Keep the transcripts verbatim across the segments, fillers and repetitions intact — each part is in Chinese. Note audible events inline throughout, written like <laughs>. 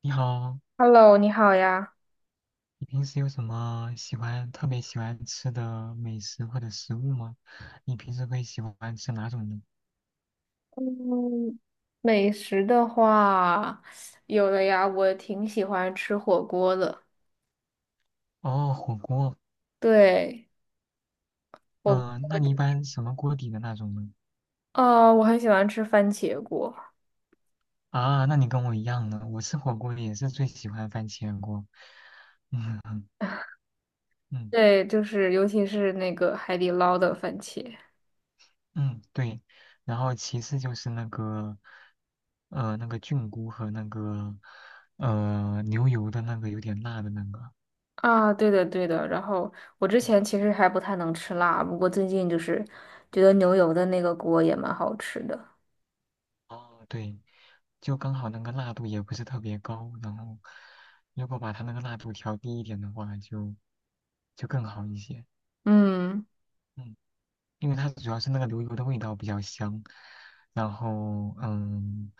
你好，Hello，你好呀。你平时有什么喜欢特别喜欢吃的美食或者食物吗？你平时会喜欢吃哪种呢？嗯，美食的话，有的呀，我挺喜欢吃火锅的。哦，火锅。对，火锅。嗯、那你一般什么锅底的那种呢？哦，我很喜欢吃番茄锅。啊，那你跟我一样呢，我吃火锅也是最喜欢番茄锅。嗯嗯对，就是尤其是那个海底捞的番茄。嗯，对。然后其次就是那个，呃，那个菌菇和那个，呃，牛油的那个有点辣的那个。啊，对的对的。然后我之前其实还不太能吃辣，不过最近就是觉得牛油的那个锅也蛮好吃的。哦，对，就刚好那个辣度也不是特别高，然后如果把它那个辣度调低一点的话就，就更好一些。嗯。嗯，因为它主要是那个牛油的味道比较香，然后嗯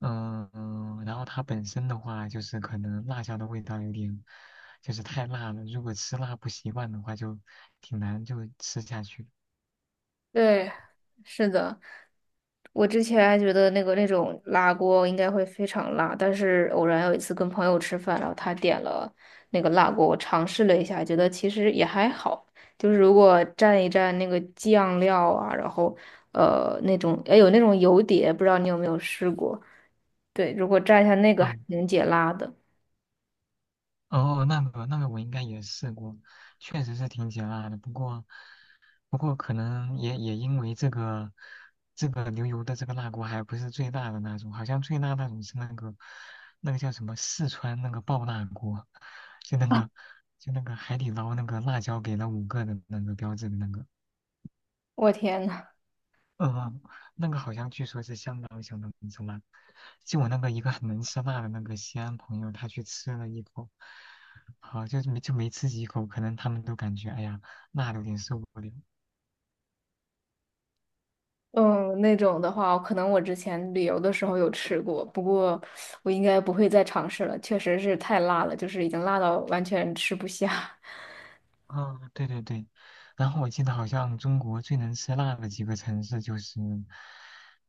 嗯，嗯然后它本身的话就是可能辣椒的味道有点就是太辣了，如果吃辣不习惯的话就挺难就吃下去。对，是的，我之前还觉得那个那种辣锅应该会非常辣，但是偶然有一次跟朋友吃饭，然后他点了那个辣锅，我尝试了一下，觉得其实也还好，就是如果蘸一蘸那个酱料啊，然后呃那种哎有那种油碟，不知道你有没有试过？对，如果蘸一下那个还嗯，挺解辣的。哦，那个那个我应该也试过，确实是挺解辣的，不过。不过可能也也因为这个这个牛油的这个辣锅还不是最大的那种，好像最辣那种是那个那个叫什么四川那个爆辣锅，就那个就那个海底捞那个辣椒给了五个的那个标志的那个，我天呐！嗯，那个好像据说是相当相当之辣。就我那个一个很能吃辣的那个西安朋友，他去吃了一口，好、就是没就没吃几口，可能他们都感觉哎呀辣的有点受不了。嗯，那种的话，可能我之前旅游的时候有吃过，不过我应该不会再尝试了，确实是太辣了，就是已经辣到完全吃不下。<laughs> 啊，对对对，然后我记得好像中国最能吃辣的几个城市就是，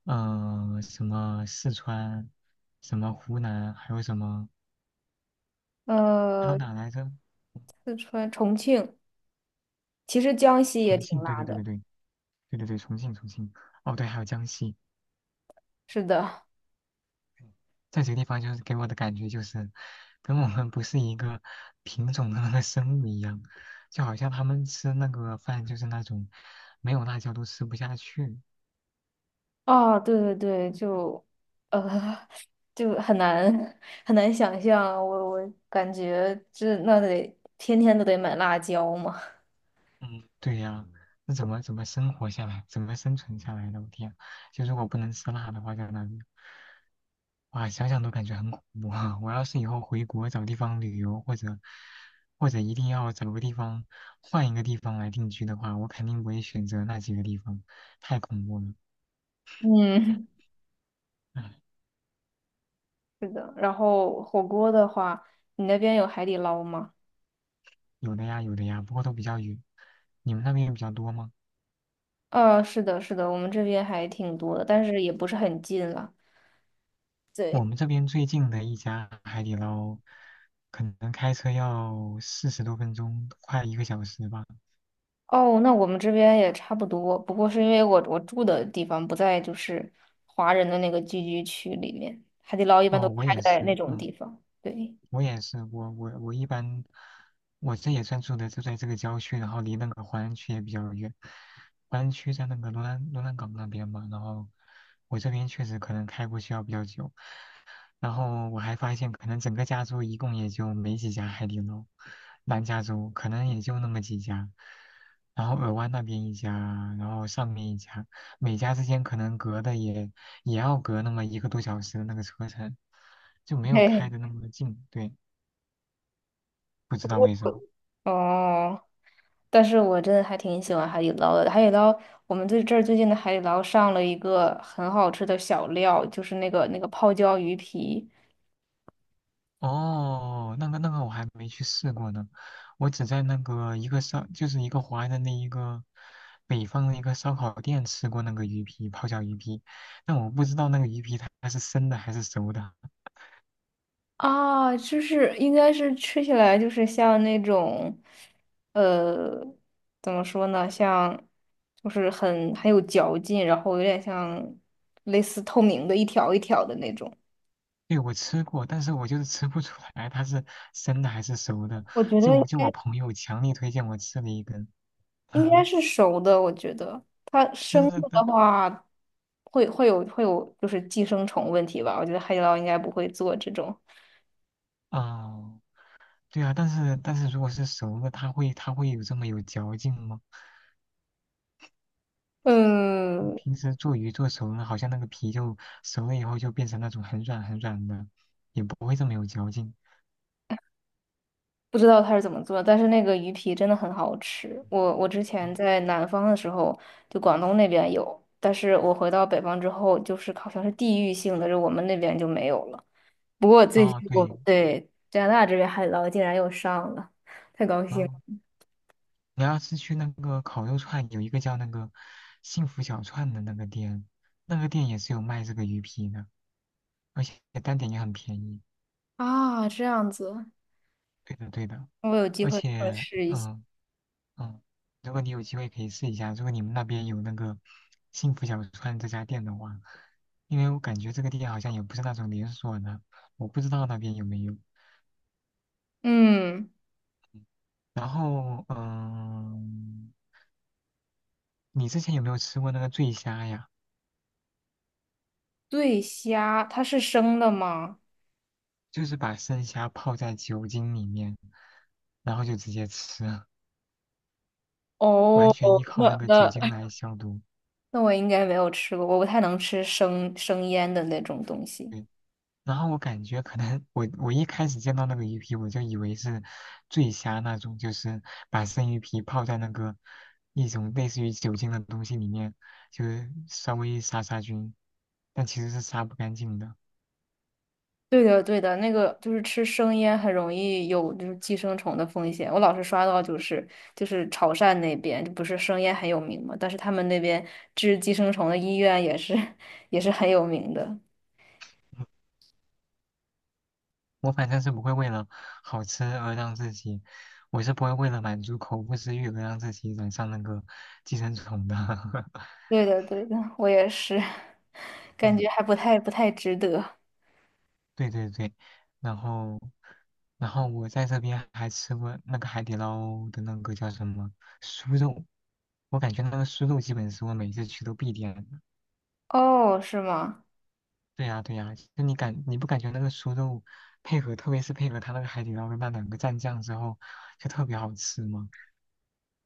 嗯、什么四川，什么湖南，还有什么，还有呃，哪来着？四川、重庆，其实江西也重挺庆，对辣对对的。对对，对对对，重庆重庆，哦对，还有江西，是的。在这几个地方就是给我的感觉就是，跟我们不是一个品种的那个生物一样，就好像他们吃那个饭就是那种没有辣椒都吃不下去，啊，对对对，就，呃，就很难很难想象啊，我我感觉这那得天天都得买辣椒嘛。<laughs> 嗯，对呀，那怎么怎么生活下来，怎么生存下来的？我天，就如果不能吃辣的话，在那里，哇，想想都感觉很恐怖啊！<laughs> 我要是以后回国找地方旅游，或者或者一定要找个地方换一个地方来定居的话，我肯定不会选择那几个地方，太恐怖了。嗯，唉，是的。然后火锅的话，你那边有海底捞吗？有的呀，有的呀，不过都比较远。你们那边比较多吗？呃，是的，是的，我们这边还挺多的，但是也不是很近了。我对。们这边最近的一家海底捞，可能开车要四十多分钟，快一个小时吧。哦，那我们这边也差不多，不过是因为我我住的地方不在就是华人的那个聚居区里面，海底捞一般都哦，我开也在是，那种嗯，地方。对。我也是，我我我一般，我这也算住的就在这个郊区，然后离那个淮安区也比较远。淮安区在那个罗兰罗兰港那边嘛，然后我这边确实可能开过去要比较久，然后我还发现，可能整个加州一共也就没几家海底捞，南加州可能也就那么几家，然后尔湾那边一家，然后上面一家，每家之间可能隔的也也要隔那么一个多小时的那个车程，就没有嘿。开的那么近。对，不知道为什么。<laughs> 哦，但是我真的还挺喜欢海底捞的。海底捞，我们最这儿最近的海底捞上了一个很好吃的小料，就是那个那个泡椒鱼皮。哦，那个那个我还没去试过呢，我只在那个一个烧，就是一个华人的那一个北方的一个烧烤店吃过那个鱼皮泡椒鱼皮，但我不知道那个鱼皮它是生的还是熟的。啊，就是应该是吃起来就是像那种，呃，怎么说呢，像就是很很有嚼劲，然后有点像类似透明的一条一条的那种。对，我吃过，但是我就是吃不出来它是生的还是熟的。我觉得就应我就我该朋友强力推荐我吃了一根，应该 <laughs> 是熟的，我觉得它但生是的的但话会会有会有就是寄生虫问题吧。我觉得海底捞应该不会做这种。哦，对啊，但是但是如果是熟的，它会它会有这么有嚼劲吗？嗯，平时做鱼做熟了，好像那个皮就熟了以后就变成那种很软很软的，也不会这么有嚼劲。不知道它是怎么做的但是那个鱼皮真的很好吃。我我之哦，前在南方的时候，就广东那边有，但是我回到北方之后，就是好像是地域性的，就我们那边就没有了。不过最哦近我对，对加拿大这边海底捞竟然又上了，太高然兴了！后你要是去那个烤肉串，有一个叫那个幸福小串的那个店，那个店也是有卖这个鱼皮的，而且单点也很便宜。啊，这样子。对的，对的，我有机而会会且试一下。嗯，嗯，如果你有机会可以试一下，如果你们那边有那个幸福小川这家店的话，因为我感觉这个店好像也不是那种连锁的，我不知道那边有没有。嗯，然后，嗯，你之前有没有吃过那个醉虾呀？醉虾它是生的吗？就是把生虾泡在酒精里面，然后就直接吃，完哦，全依靠那那个酒那精来消毒。那我应该没有吃过，我不太能吃生生腌的那种东西。对然后我感觉可能我我一开始见到那个鱼皮，我就以为是醉虾那种，就是把生鱼皮泡在那个一种类似于酒精的东西里面，就是稍微杀杀菌，但其实是杀不干净的。对的，对的，那个就是吃生腌很容易有就是寄生虫的风险。我老是刷到就是就是潮汕那边，不是生腌很有名嘛，但是他们那边治寄生虫的医院也是 <laughs> 也是很有名的。我反正是不会为了好吃而让自己，我是不会为了满足口腹之欲而让自己染上那个寄生虫的。<laughs> 对的，对的，我也是。<laughs> 感嗯。觉还不太不太值得。对对对，然后，然后我在这边还吃过那个海底捞的那个叫什么酥肉，我感觉那个酥肉基本是我每次去都必点的。哦，是吗？对呀对呀，就你感你不感觉那个酥肉配合，特别是配合它那个海底捞的那两个蘸酱之后，就特别好吃吗？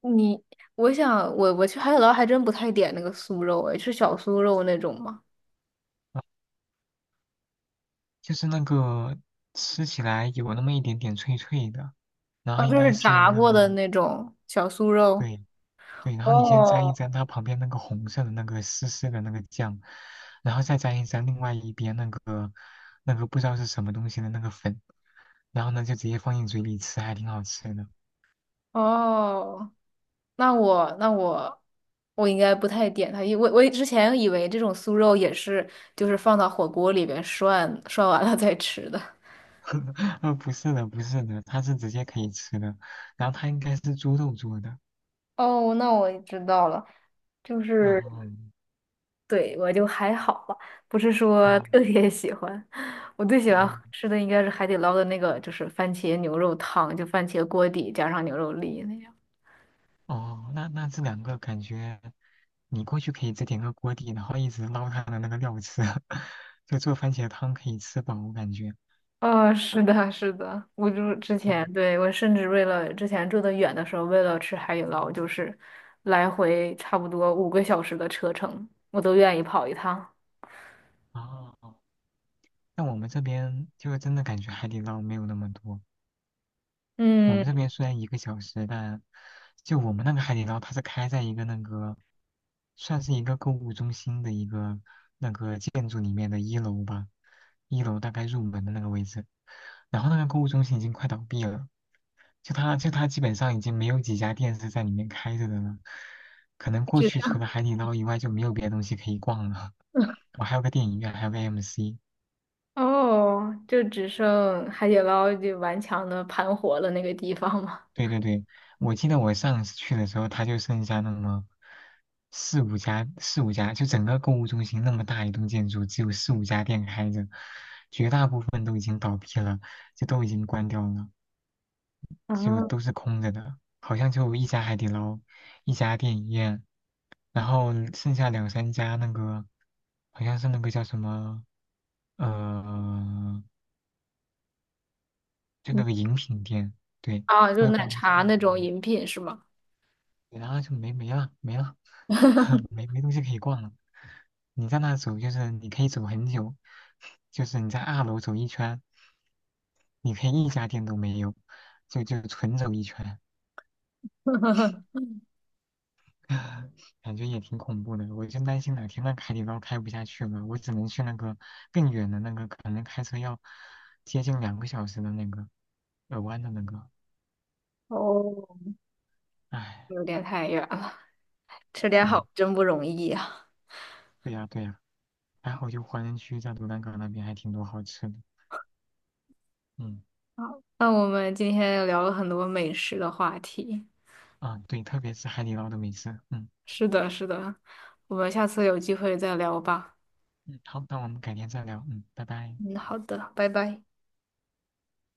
你，我想我我去海底捞还真不太点那个酥肉，哎，是小酥肉那种吗？就是那个吃起来有那么一点点脆脆的，然后啊，应就该是是用炸那过个，的那种小酥肉。对对，然后你先沾一哦沾它旁边那个红色的那个湿湿的那个酱，然后再沾一沾另外一边那个那个不知道是什么东西的那个粉，然后呢就直接放进嘴里吃，还挺好吃的。哦，那我那我我应该不太点它，因为我我之前以为这种酥肉也是就是放到火锅里边涮涮完了再吃的。<laughs> 呃，不是的，不是的，它是直接可以吃的，然后它应该是猪肉做的。哦，那我知道了，就是 <laughs> 嗯，对我就还好吧，不是说哦特别喜欢。我最喜欢哦吃的应该是海底捞的那个，就是番茄牛肉汤，就番茄锅底加上牛肉粒那样。哦，那那这两个感觉你过去可以再点个锅底，然后一直捞它的那个料吃，<laughs> 就做番茄汤可以吃饱，我感觉。哦，是的，是的，我就之嗯。前，对，我甚至为了之前住的远的时候，为了吃海底捞，就是来回差不多五个小时的车程，我都愿意跑一趟。哦，但我们这边就是真的感觉海底捞没有那么多。我嗯，们这边虽然一个小时，但就我们那个海底捞，它是开在一个那个算是一个购物中心的一个那个建筑里面的一楼吧，一楼大概入门的那个位置。然后那个购物中心已经快倒闭了，就它就它基本上已经没有几家店是在里面开着的了。可能过只去除剩 了海底捞以外就没有别的东西可以逛了。<laughs> <laughs> 我还有个电影院，还有个 M C。哦，就只剩海底捞就顽强的盘活了那个地方嘛。对对对，我记得我上一次去的时候，它就剩下那么四五家，四五家，就整个购物中心那么大一栋建筑，只有四五家店开着，绝大部分都已经倒闭了，就都已经关掉了，<laughs> 啊，就都是空着的，好像就一家海底捞，一家电影院，然后剩下两三家那个，好像是那个叫什么，呃，就那嗯。个饮品店，对，啊，就我也奶不知道它是茶卖那什种么饮品是吗？的，然后就没没了，没了。<laughs> <laughs> 没没东西可以逛了。你在那走，就是你可以走很久，就是你在二楼走一圈，你可以一家店都没有，就就纯走一圈，<laughs> 感觉也挺恐怖的。我就担心哪天那海底捞开不下去了，我只能去那个更远的那个，可能开车要接近两个小时的那个耳湾的那个。哦，唉，有点太远了，吃点对好真不容易呀、对呀对呀，还好就华人区在卢兰港那边还挺多好吃的。嗯好，那我们今天聊了很多美食的话题。啊，对，特别是海底捞的美食，嗯。是的，是的，我们下次有机会再聊吧。嗯，好，那我们改天再聊。嗯，拜拜。嗯，好的，拜拜。